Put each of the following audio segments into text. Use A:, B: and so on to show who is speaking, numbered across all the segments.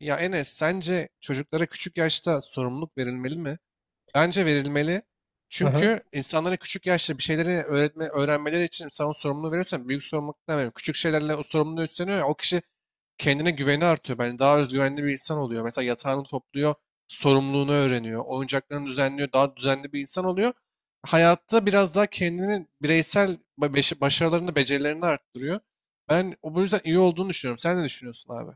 A: Ya Enes, sence çocuklara küçük yaşta sorumluluk verilmeli mi? Bence verilmeli.
B: Aha.
A: Çünkü insanlara küçük yaşta bir şeyleri öğretme, öğrenmeleri için sen o sorumluluğu veriyorsan büyük sorumluluk demem. Küçük şeylerle o sorumluluğu üstleniyor ya, o kişi kendine güveni artıyor. Yani daha özgüvenli bir insan oluyor. Mesela yatağını topluyor, sorumluluğunu öğreniyor, oyuncaklarını düzenliyor, daha düzenli bir insan oluyor. Hayatta biraz daha kendini bireysel başarılarını, becerilerini arttırıyor. Ben o bu yüzden iyi olduğunu düşünüyorum. Sen ne düşünüyorsun abi?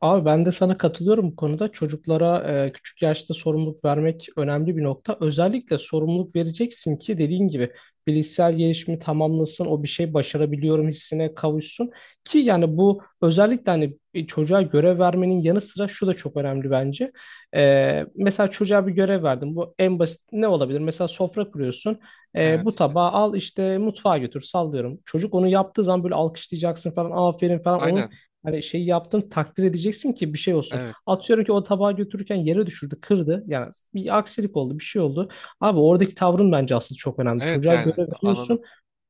B: Abi ben de sana katılıyorum bu konuda. Çocuklara küçük yaşta sorumluluk vermek önemli bir nokta. Özellikle sorumluluk vereceksin ki dediğin gibi bilişsel gelişimi tamamlasın, o bir şey başarabiliyorum hissine kavuşsun. Ki yani bu özellikle hani bir çocuğa görev vermenin yanı sıra şu da çok önemli bence. Mesela çocuğa bir görev verdim. Bu en basit ne olabilir? Mesela sofra kuruyorsun. Bu
A: Evet.
B: tabağı al işte mutfağa götür sallıyorum. Çocuk onu yaptığı zaman böyle alkışlayacaksın falan, aferin falan.
A: Aynen.
B: Hani şey yaptın, takdir edeceksin ki bir şey olsun.
A: Evet.
B: Atıyorum ki o tabağı götürürken yere düşürdü, kırdı. Yani bir aksilik oldu, bir şey oldu. Abi oradaki tavrın bence aslında çok önemli.
A: Evet
B: Çocuğa göre
A: yani
B: veriyorsun.
A: anladım.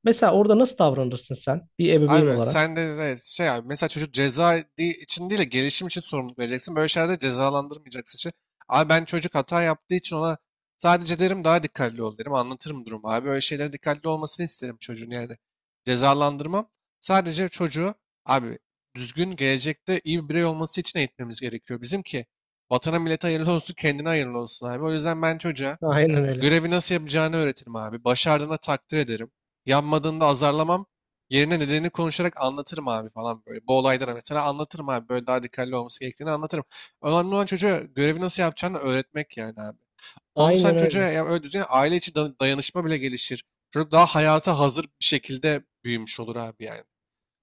B: Mesela orada nasıl davranırsın sen bir ebeveyn
A: Abi
B: olarak?
A: sen de şey abi mesela çocuk ceza için değil de gelişim için sorumluluk vereceksin. Böyle şeylerde cezalandırmayacaksın için. Abi ben çocuk hata yaptığı için ona sadece derim daha dikkatli ol derim. Anlatırım durumu abi. Böyle şeylere dikkatli olmasını isterim çocuğun yani. Cezalandırmam. Sadece çocuğu abi düzgün gelecekte iyi bir birey olması için eğitmemiz gerekiyor. Bizimki vatana millete hayırlı olsun kendine hayırlı olsun abi. O yüzden ben çocuğa
B: Aynen öyle.
A: görevi nasıl yapacağını öğretirim abi. Başardığında takdir ederim. Yanmadığında azarlamam. Yerine nedenini konuşarak anlatırım abi falan böyle. Bu olaylara mesela anlatırım abi. Böyle daha dikkatli olması gerektiğini anlatırım. Önemli olan çocuğa görevi nasıl yapacağını öğretmek yani abi. Onu sen
B: Aynen
A: çocuğa
B: öyle.
A: ya öyle düzgün aile içi dayanışma bile gelişir. Çocuk daha hayata hazır bir şekilde büyümüş olur abi yani.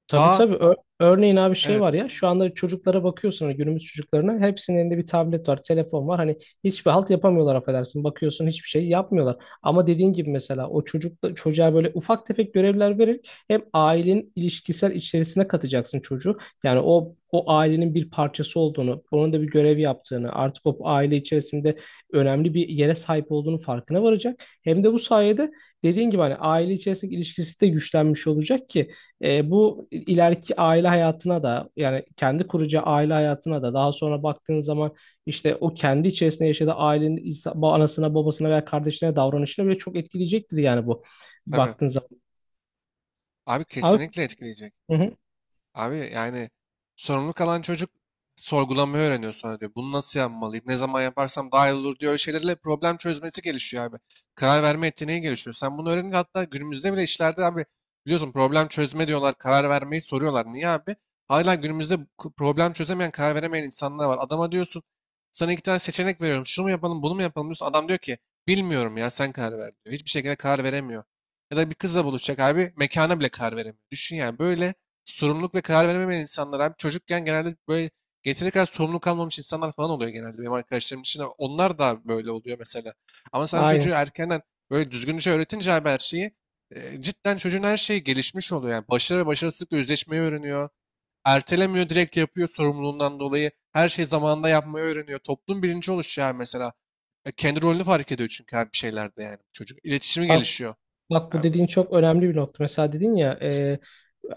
B: Tabii
A: Daha
B: tabii. Örneğin abi şey var
A: evet,
B: ya, şu anda çocuklara bakıyorsun, hani günümüz çocuklarına, hepsinin elinde bir tablet var, telefon var. Hani hiçbir halt yapamıyorlar affedersin. Bakıyorsun hiçbir şey yapmıyorlar. Ama dediğin gibi mesela o çocukla çocuğa böyle ufak tefek görevler vererek hem ailenin ilişkisel içerisine katacaksın çocuğu. Yani o ailenin bir parçası olduğunu, onun da bir görev yaptığını, artık o aile içerisinde önemli bir yere sahip olduğunu farkına varacak. Hem de bu sayede dediğin gibi hani aile içerisindeki ilişkisi de güçlenmiş olacak ki bu ileriki aile hayatına da, yani kendi kuracağı aile hayatına da daha sonra baktığın zaman işte o kendi içerisinde yaşadığı ailenin anasına babasına veya kardeşine davranışına bile çok etkileyecektir yani bu
A: tabii.
B: baktığın zaman.
A: Abi
B: Abi,
A: kesinlikle etkileyecek.
B: hı hı,
A: Abi yani sorumluluk alan çocuk sorgulamayı öğreniyor sonra diyor. Bunu nasıl yapmalıyım? Ne zaman yaparsam daha iyi olur diyor. Öyle şeylerle problem çözmesi gelişiyor abi. Karar verme yeteneği gelişiyor. Sen bunu öğrenince hatta günümüzde bile işlerde abi biliyorsun problem çözme diyorlar. Karar vermeyi soruyorlar. Niye abi? Hala günümüzde problem çözemeyen, karar veremeyen insanlar var. Adama diyorsun sana iki tane seçenek veriyorum. Şunu mu yapalım, bunu mu yapalım diyorsun. Adam diyor ki bilmiyorum ya sen karar ver diyor. Hiçbir şekilde karar veremiyor. Ya da bir kızla buluşacak abi mekana bile karar veremiyor. Düşün yani böyle sorumluluk ve karar veremeyen insanlar abi çocukken genelde böyle yeteri kadar sorumluluk almamış insanlar falan oluyor genelde benim arkadaşlarım için. Onlar da böyle oluyor mesela. Ama sen çocuğu
B: aynen.
A: erkenden böyle düzgünce öğretince abi her şeyi cidden çocuğun her şeyi gelişmiş oluyor. Yani başarı ve başarısızlıkla yüzleşmeyi öğreniyor. Ertelemiyor, direkt yapıyor sorumluluğundan dolayı. Her şeyi zamanında yapmayı öğreniyor. Toplum bilinci oluşuyor abi mesela. Kendi rolünü fark ediyor çünkü abi bir şeylerde yani çocuk. İletişimi gelişiyor.
B: Bak bu
A: Abi,
B: dediğin çok önemli bir nokta. Mesela dedin ya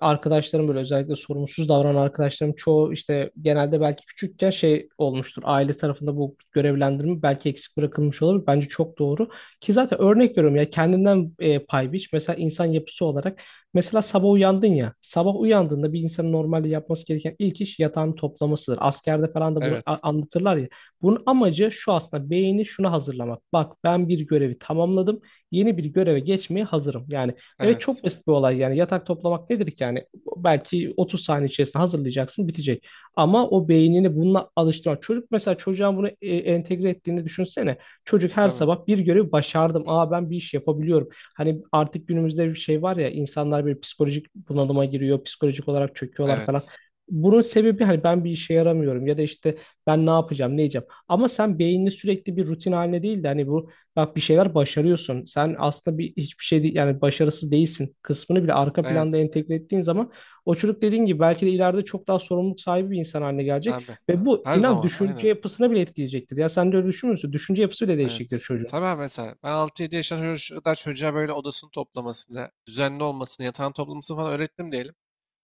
B: arkadaşlarım böyle özellikle sorumsuz davranan arkadaşlarım çoğu işte genelde belki küçükken şey olmuştur. Aile tarafında bu görevlendirme belki eksik bırakılmış olabilir. Bence çok doğru. Ki zaten örnek veriyorum ya, kendinden pay biç. Mesela insan yapısı olarak, mesela sabah uyandın ya. Sabah uyandığında bir insanın normalde yapması gereken ilk iş yatağını toplamasıdır. Askerde falan da bunu
A: evet.
B: anlatırlar ya. Bunun amacı şu aslında, beyni şuna hazırlamak. Bak, ben bir görevi tamamladım, yeni bir göreve geçmeye hazırım. Yani evet, çok
A: Evet.
B: basit bir olay yani, yatak toplamak nedir ki yani, belki 30 saniye içerisinde hazırlayacaksın, bitecek. Ama o beynini bununla alıştırmak. Çocuk, mesela çocuğa bunu entegre ettiğini düşünsene. Çocuk her
A: Tabii.
B: sabah bir görevi başardım. Aa, ben bir iş yapabiliyorum. Hani artık günümüzde bir şey var ya, insanlar bir psikolojik bunalıma giriyor. Psikolojik olarak çöküyorlar falan.
A: Evet.
B: Bunun sebebi hani, ben bir işe yaramıyorum ya da işte ben ne yapacağım, ne yiyeceğim. Ama sen beynini sürekli bir rutin haline değil de hani bu, bak bir şeyler başarıyorsun, sen aslında bir hiçbir şey değil yani, başarısız değilsin kısmını bile arka planda
A: Evet.
B: entegre ettiğin zaman o çocuk dediğin gibi belki de ileride çok daha sorumluluk sahibi bir insan haline gelecek
A: Abi.
B: ve bu
A: Her
B: inan
A: zaman.
B: düşünce
A: Aynen.
B: yapısını bile etkileyecektir. Ya sen de öyle düşünmüyorsun. Düşünce yapısı bile değişecektir
A: Evet.
B: çocuğun.
A: Tabii mesela ben 6-7 yaşında kadar çocuğa böyle odasını toplamasını, düzenli olmasını, yatağını toplamasını falan öğrettim diyelim.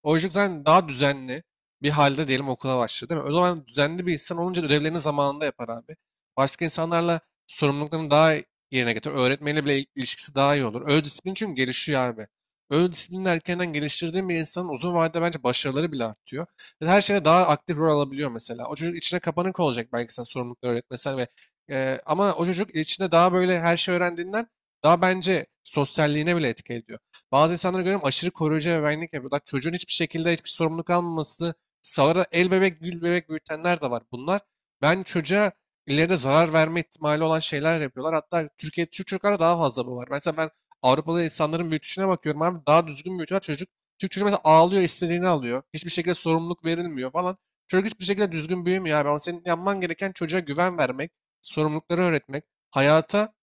A: O yüzden daha düzenli bir halde diyelim okula başladı, değil mi? O zaman düzenli bir insan olunca ödevlerini zamanında yapar abi. Başka insanlarla sorumluluklarını daha yerine getirir. Öğretmenle bile ilişkisi daha iyi olur. Öz disiplin çünkü gelişiyor abi. Öz disiplini erkenden geliştirdiğin bir insanın uzun vadede bence başarıları bile artıyor. Ve her şeyde daha aktif rol alabiliyor mesela. O çocuk içine kapanık olacak belki sen sorumlulukları öğretmesen ve ama o çocuk içinde daha böyle her şey öğrendiğinden daha bence sosyalliğine bile etki ediyor. Bazı insanlara göre aşırı koruyucu ebeveynlik yapıyorlar. Çocuğun hiçbir şekilde hiçbir sorumluluk almaması sağlara el bebek gül bebek büyütenler de var. Bunlar ben çocuğa ileride zarar verme ihtimali olan şeyler yapıyorlar. Hatta Türk çocuklara daha fazla bu var. Mesela ben Avrupalı insanların büyütüşüne bakıyorum abi, daha düzgün büyütüyorlar çocuk. Türk çocuğu mesela ağlıyor, istediğini alıyor. Hiçbir şekilde sorumluluk verilmiyor falan. Çocuk hiçbir şekilde düzgün büyümüyor abi. Ama senin yapman gereken çocuğa güven vermek, sorumlulukları öğretmek, hayata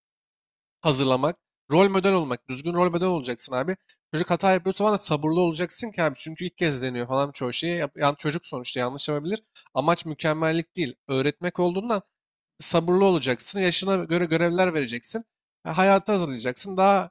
A: hazırlamak, rol model olmak. Düzgün rol model olacaksın abi. Çocuk hata yapıyorsa falan da sabırlı olacaksın ki abi. Çünkü ilk kez deniyor falan çoğu şeyi. Yani çocuk sonuçta yanlış yapabilir. Amaç mükemmellik değil. Öğretmek olduğundan sabırlı olacaksın. Yaşına göre görevler vereceksin. Hayata hazırlayacaksın. Daha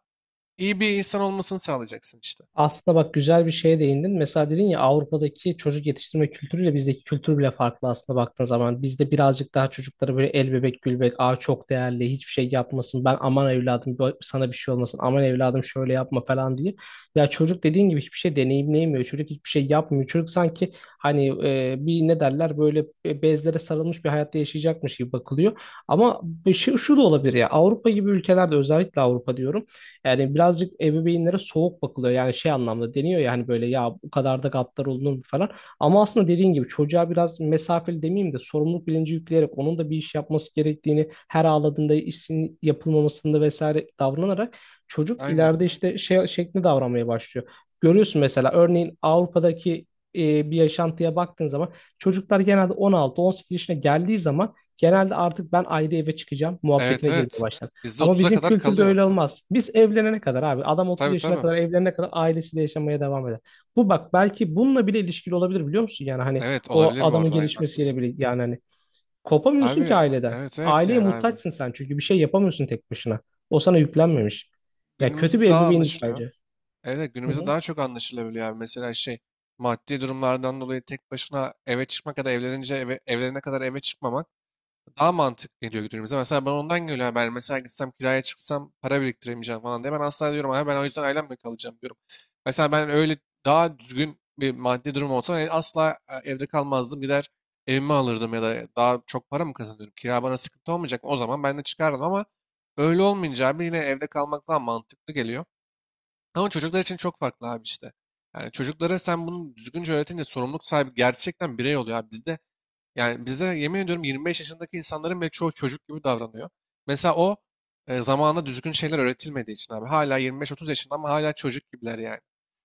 A: iyi bir insan olmasını sağlayacaksın işte.
B: Aslında bak, güzel bir şeye değindin. Mesela dedin ya, Avrupa'daki çocuk yetiştirme kültürüyle bizdeki kültür bile farklı aslında baktığın zaman. Bizde birazcık daha çocuklara böyle el bebek gül bebek, aa çok değerli, hiçbir şey yapmasın, ben aman evladım sana bir şey olmasın, aman evladım şöyle yapma falan diye. Ya çocuk dediğin gibi hiçbir şey deneyimleyemiyor. Çocuk hiçbir şey yapmıyor. Çocuk sanki hani bir ne derler böyle, bezlere sarılmış bir hayatta yaşayacakmış gibi bakılıyor. Ama bir şey şu da olabilir ya, Avrupa gibi ülkelerde, özellikle Avrupa diyorum. Yani birazcık ebeveynlere soğuk bakılıyor. Yani şey anlamda deniyor ya, hani böyle, ya bu kadar da gaddar olunur mu falan. Ama aslında dediğin gibi çocuğa biraz mesafeli demeyeyim de sorumluluk bilinci yükleyerek, onun da bir iş yapması gerektiğini, her ağladığında işin yapılmamasında vesaire davranarak çocuk ileride
A: Aynen.
B: işte şey şeklinde davranmaya başlıyor. Görüyorsun mesela, örneğin Avrupa'daki bir yaşantıya baktığın zaman çocuklar genelde 16-18 yaşına geldiği zaman genelde artık ben ayrı eve çıkacağım
A: Evet,
B: muhabbetine girmeye
A: evet.
B: başlar.
A: Bizde
B: Ama
A: 30'a
B: bizim
A: kadar
B: kültürde
A: kalıyor.
B: öyle olmaz. Biz evlenene kadar abi, adam 30
A: Tabii,
B: yaşına
A: tabii.
B: kadar, evlenene kadar ailesiyle yaşamaya devam eder. Bu bak, belki bununla bile ilişkili olabilir biliyor musun? Yani hani
A: Evet
B: o
A: olabilir bu
B: adamın
A: arada, aynen
B: gelişmesiyle
A: haklısın.
B: bile, yani hani kopamıyorsun ki
A: Abi,
B: aileden.
A: evet evet
B: Aileye
A: yani abi.
B: muhtaçsın sen, çünkü bir şey yapamıyorsun tek başına. O sana yüklenmemiş. Ya, kötü
A: Günümüzde
B: bir
A: daha
B: ebeveynlik
A: anlaşılıyor.
B: bence.
A: Evet evet,
B: Hı
A: günümüzde
B: hı.
A: daha çok anlaşılabiliyor abi. Mesela şey, maddi durumlardan dolayı tek başına eve çıkmak ya da evlenince eve, evlenene kadar eve çıkmamak daha mantıklı geliyor günümüze. Mesela ben ondan geliyor haber. Mesela gitsem, kiraya çıksam para biriktiremeyeceğim falan diye. Ben asla diyorum abi, ben o yüzden ailemle kalacağım diyorum. Mesela ben öyle daha düzgün bir maddi durum olsa, asla, evde kalmazdım. Gider evimi alırdım. Ya da daha çok para mı kazanıyorum? Kira bana sıkıntı olmayacak. O zaman ben de çıkardım. Ama öyle olmayınca abi yine evde kalmak daha mantıklı geliyor. Ama çocuklar için çok farklı abi işte. Yani çocuklara sen bunu düzgünce öğretince sorumluluk sahibi gerçekten birey oluyor abi. Bizde, yani bize yemin ediyorum, 25 yaşındaki insanların bile çoğu çocuk gibi davranıyor. Mesela o, zamanında düzgün şeyler öğretilmediği için abi. Hala 25-30 yaşında ama hala çocuk gibiler yani.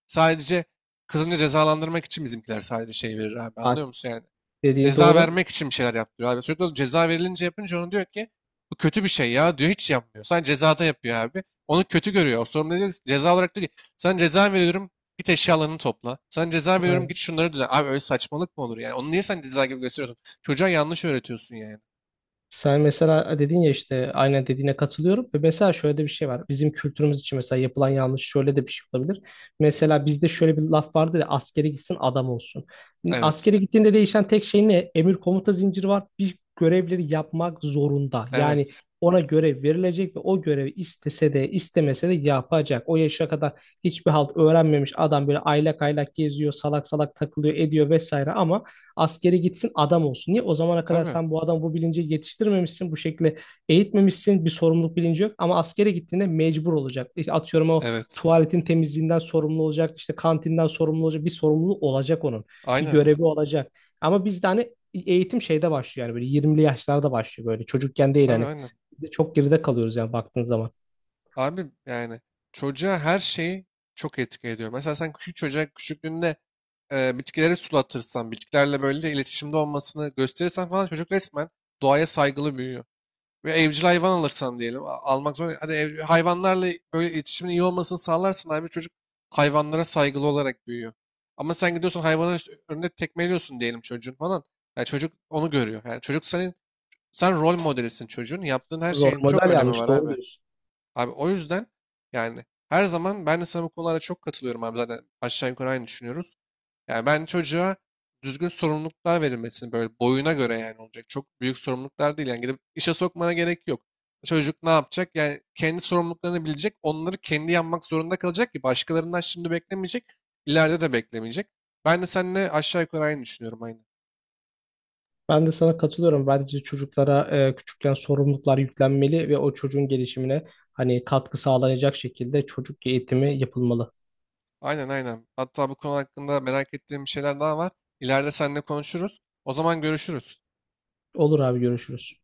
A: Sadece kızını cezalandırmak için bizimkiler sadece şey verir abi,
B: Bak,
A: anlıyor musun yani?
B: dediğin
A: Ceza
B: doğru.
A: vermek için bir şeyler yaptırıyor abi. Çocuk da ceza verilince, yapınca onu, diyor ki bu kötü bir şey ya, diyor hiç yapmıyor. Sadece cezada yapıyor abi. Onu kötü görüyor. O sorumlu diyor ki, ceza olarak diyor ki sana ceza veriyorum, git eşyalarını topla. Sana ceza veriyorum, git şunları düzen. Abi öyle saçmalık mı olur yani? Onu niye sen ceza gibi gösteriyorsun? Çocuğa yanlış öğretiyorsun yani.
B: Sen mesela dedin ya işte, aynen dediğine katılıyorum. Ve mesela şöyle de bir şey var. Bizim kültürümüz için mesela yapılan yanlış şöyle de bir şey olabilir. Mesela bizde şöyle bir laf vardı ya, askere gitsin adam olsun.
A: Evet.
B: Askere gittiğinde değişen tek şey ne? Emir komuta zinciri var. Bir görevleri yapmak zorunda. Yani
A: Evet.
B: ona görev verilecek ve o görevi istese de istemese de yapacak. O yaşa kadar hiçbir halt öğrenmemiş adam böyle aylak aylak geziyor, salak salak takılıyor, ediyor vesaire ama askere gitsin adam olsun. Niye? O zamana kadar
A: Tabii.
B: sen bu adamı bu bilince yetiştirmemişsin. Bu şekilde eğitmemişsin. Bir sorumluluk bilinci yok. Ama askere gittiğinde mecbur olacak. İşte atıyorum, o
A: Evet.
B: tuvaletin temizliğinden sorumlu olacak, işte kantinden sorumlu olacak. Bir sorumluluğu olacak onun. Bir
A: Aynen.
B: görevi olacak. Ama bizde hani eğitim şeyde başlıyor, yani böyle 20'li yaşlarda başlıyor, böyle çocukken değil
A: Tabii,
B: hani.
A: aynen.
B: Çok geride kalıyoruz yani baktığın zaman.
A: Abi yani çocuğa her şeyi çok etki ediyor. Mesela sen küçük çocuğa küçüklüğünde, bitkileri sulatırsan, bitkilerle böyle iletişimde olmasını gösterirsen falan çocuk resmen doğaya saygılı büyüyor. Ve evcil hayvan alırsan diyelim. Almak zorunda. Hadi hayvanlarla böyle iletişimin iyi olmasını sağlarsan abi çocuk hayvanlara saygılı olarak büyüyor. Ama sen gidiyorsun hayvanın önünde tekmeliyorsun diyelim çocuğun falan. Yani çocuk onu görüyor. Yani çocuk sen rol modelisin çocuğun. Yaptığın her
B: Rol
A: şeyin çok
B: model
A: önemi
B: yanlış,
A: var
B: doğru
A: abi.
B: diyorsun.
A: Abi o yüzden yani her zaman ben de sana bu konulara çok katılıyorum abi, zaten aşağı yukarı aynı düşünüyoruz. Yani ben çocuğa düzgün sorumluluklar verilmesini böyle boyuna göre yani olacak. Çok büyük sorumluluklar değil. Yani gidip işe sokmana gerek yok. Çocuk ne yapacak? Yani kendi sorumluluklarını bilecek. Onları kendi yapmak zorunda kalacak ki başkalarından şimdi beklemeyecek. İleride de beklemeyecek. Ben de seninle aşağı yukarı aynı düşünüyorum, aynen.
B: Ben de sana katılıyorum. Bence çocuklara küçükken sorumluluklar yüklenmeli ve o çocuğun gelişimine hani katkı sağlayacak şekilde çocuk eğitimi yapılmalı.
A: Aynen, aynen. Hatta bu konu hakkında merak ettiğim bir şeyler daha var. İleride seninle konuşuruz. O zaman görüşürüz.
B: Olur abi, görüşürüz.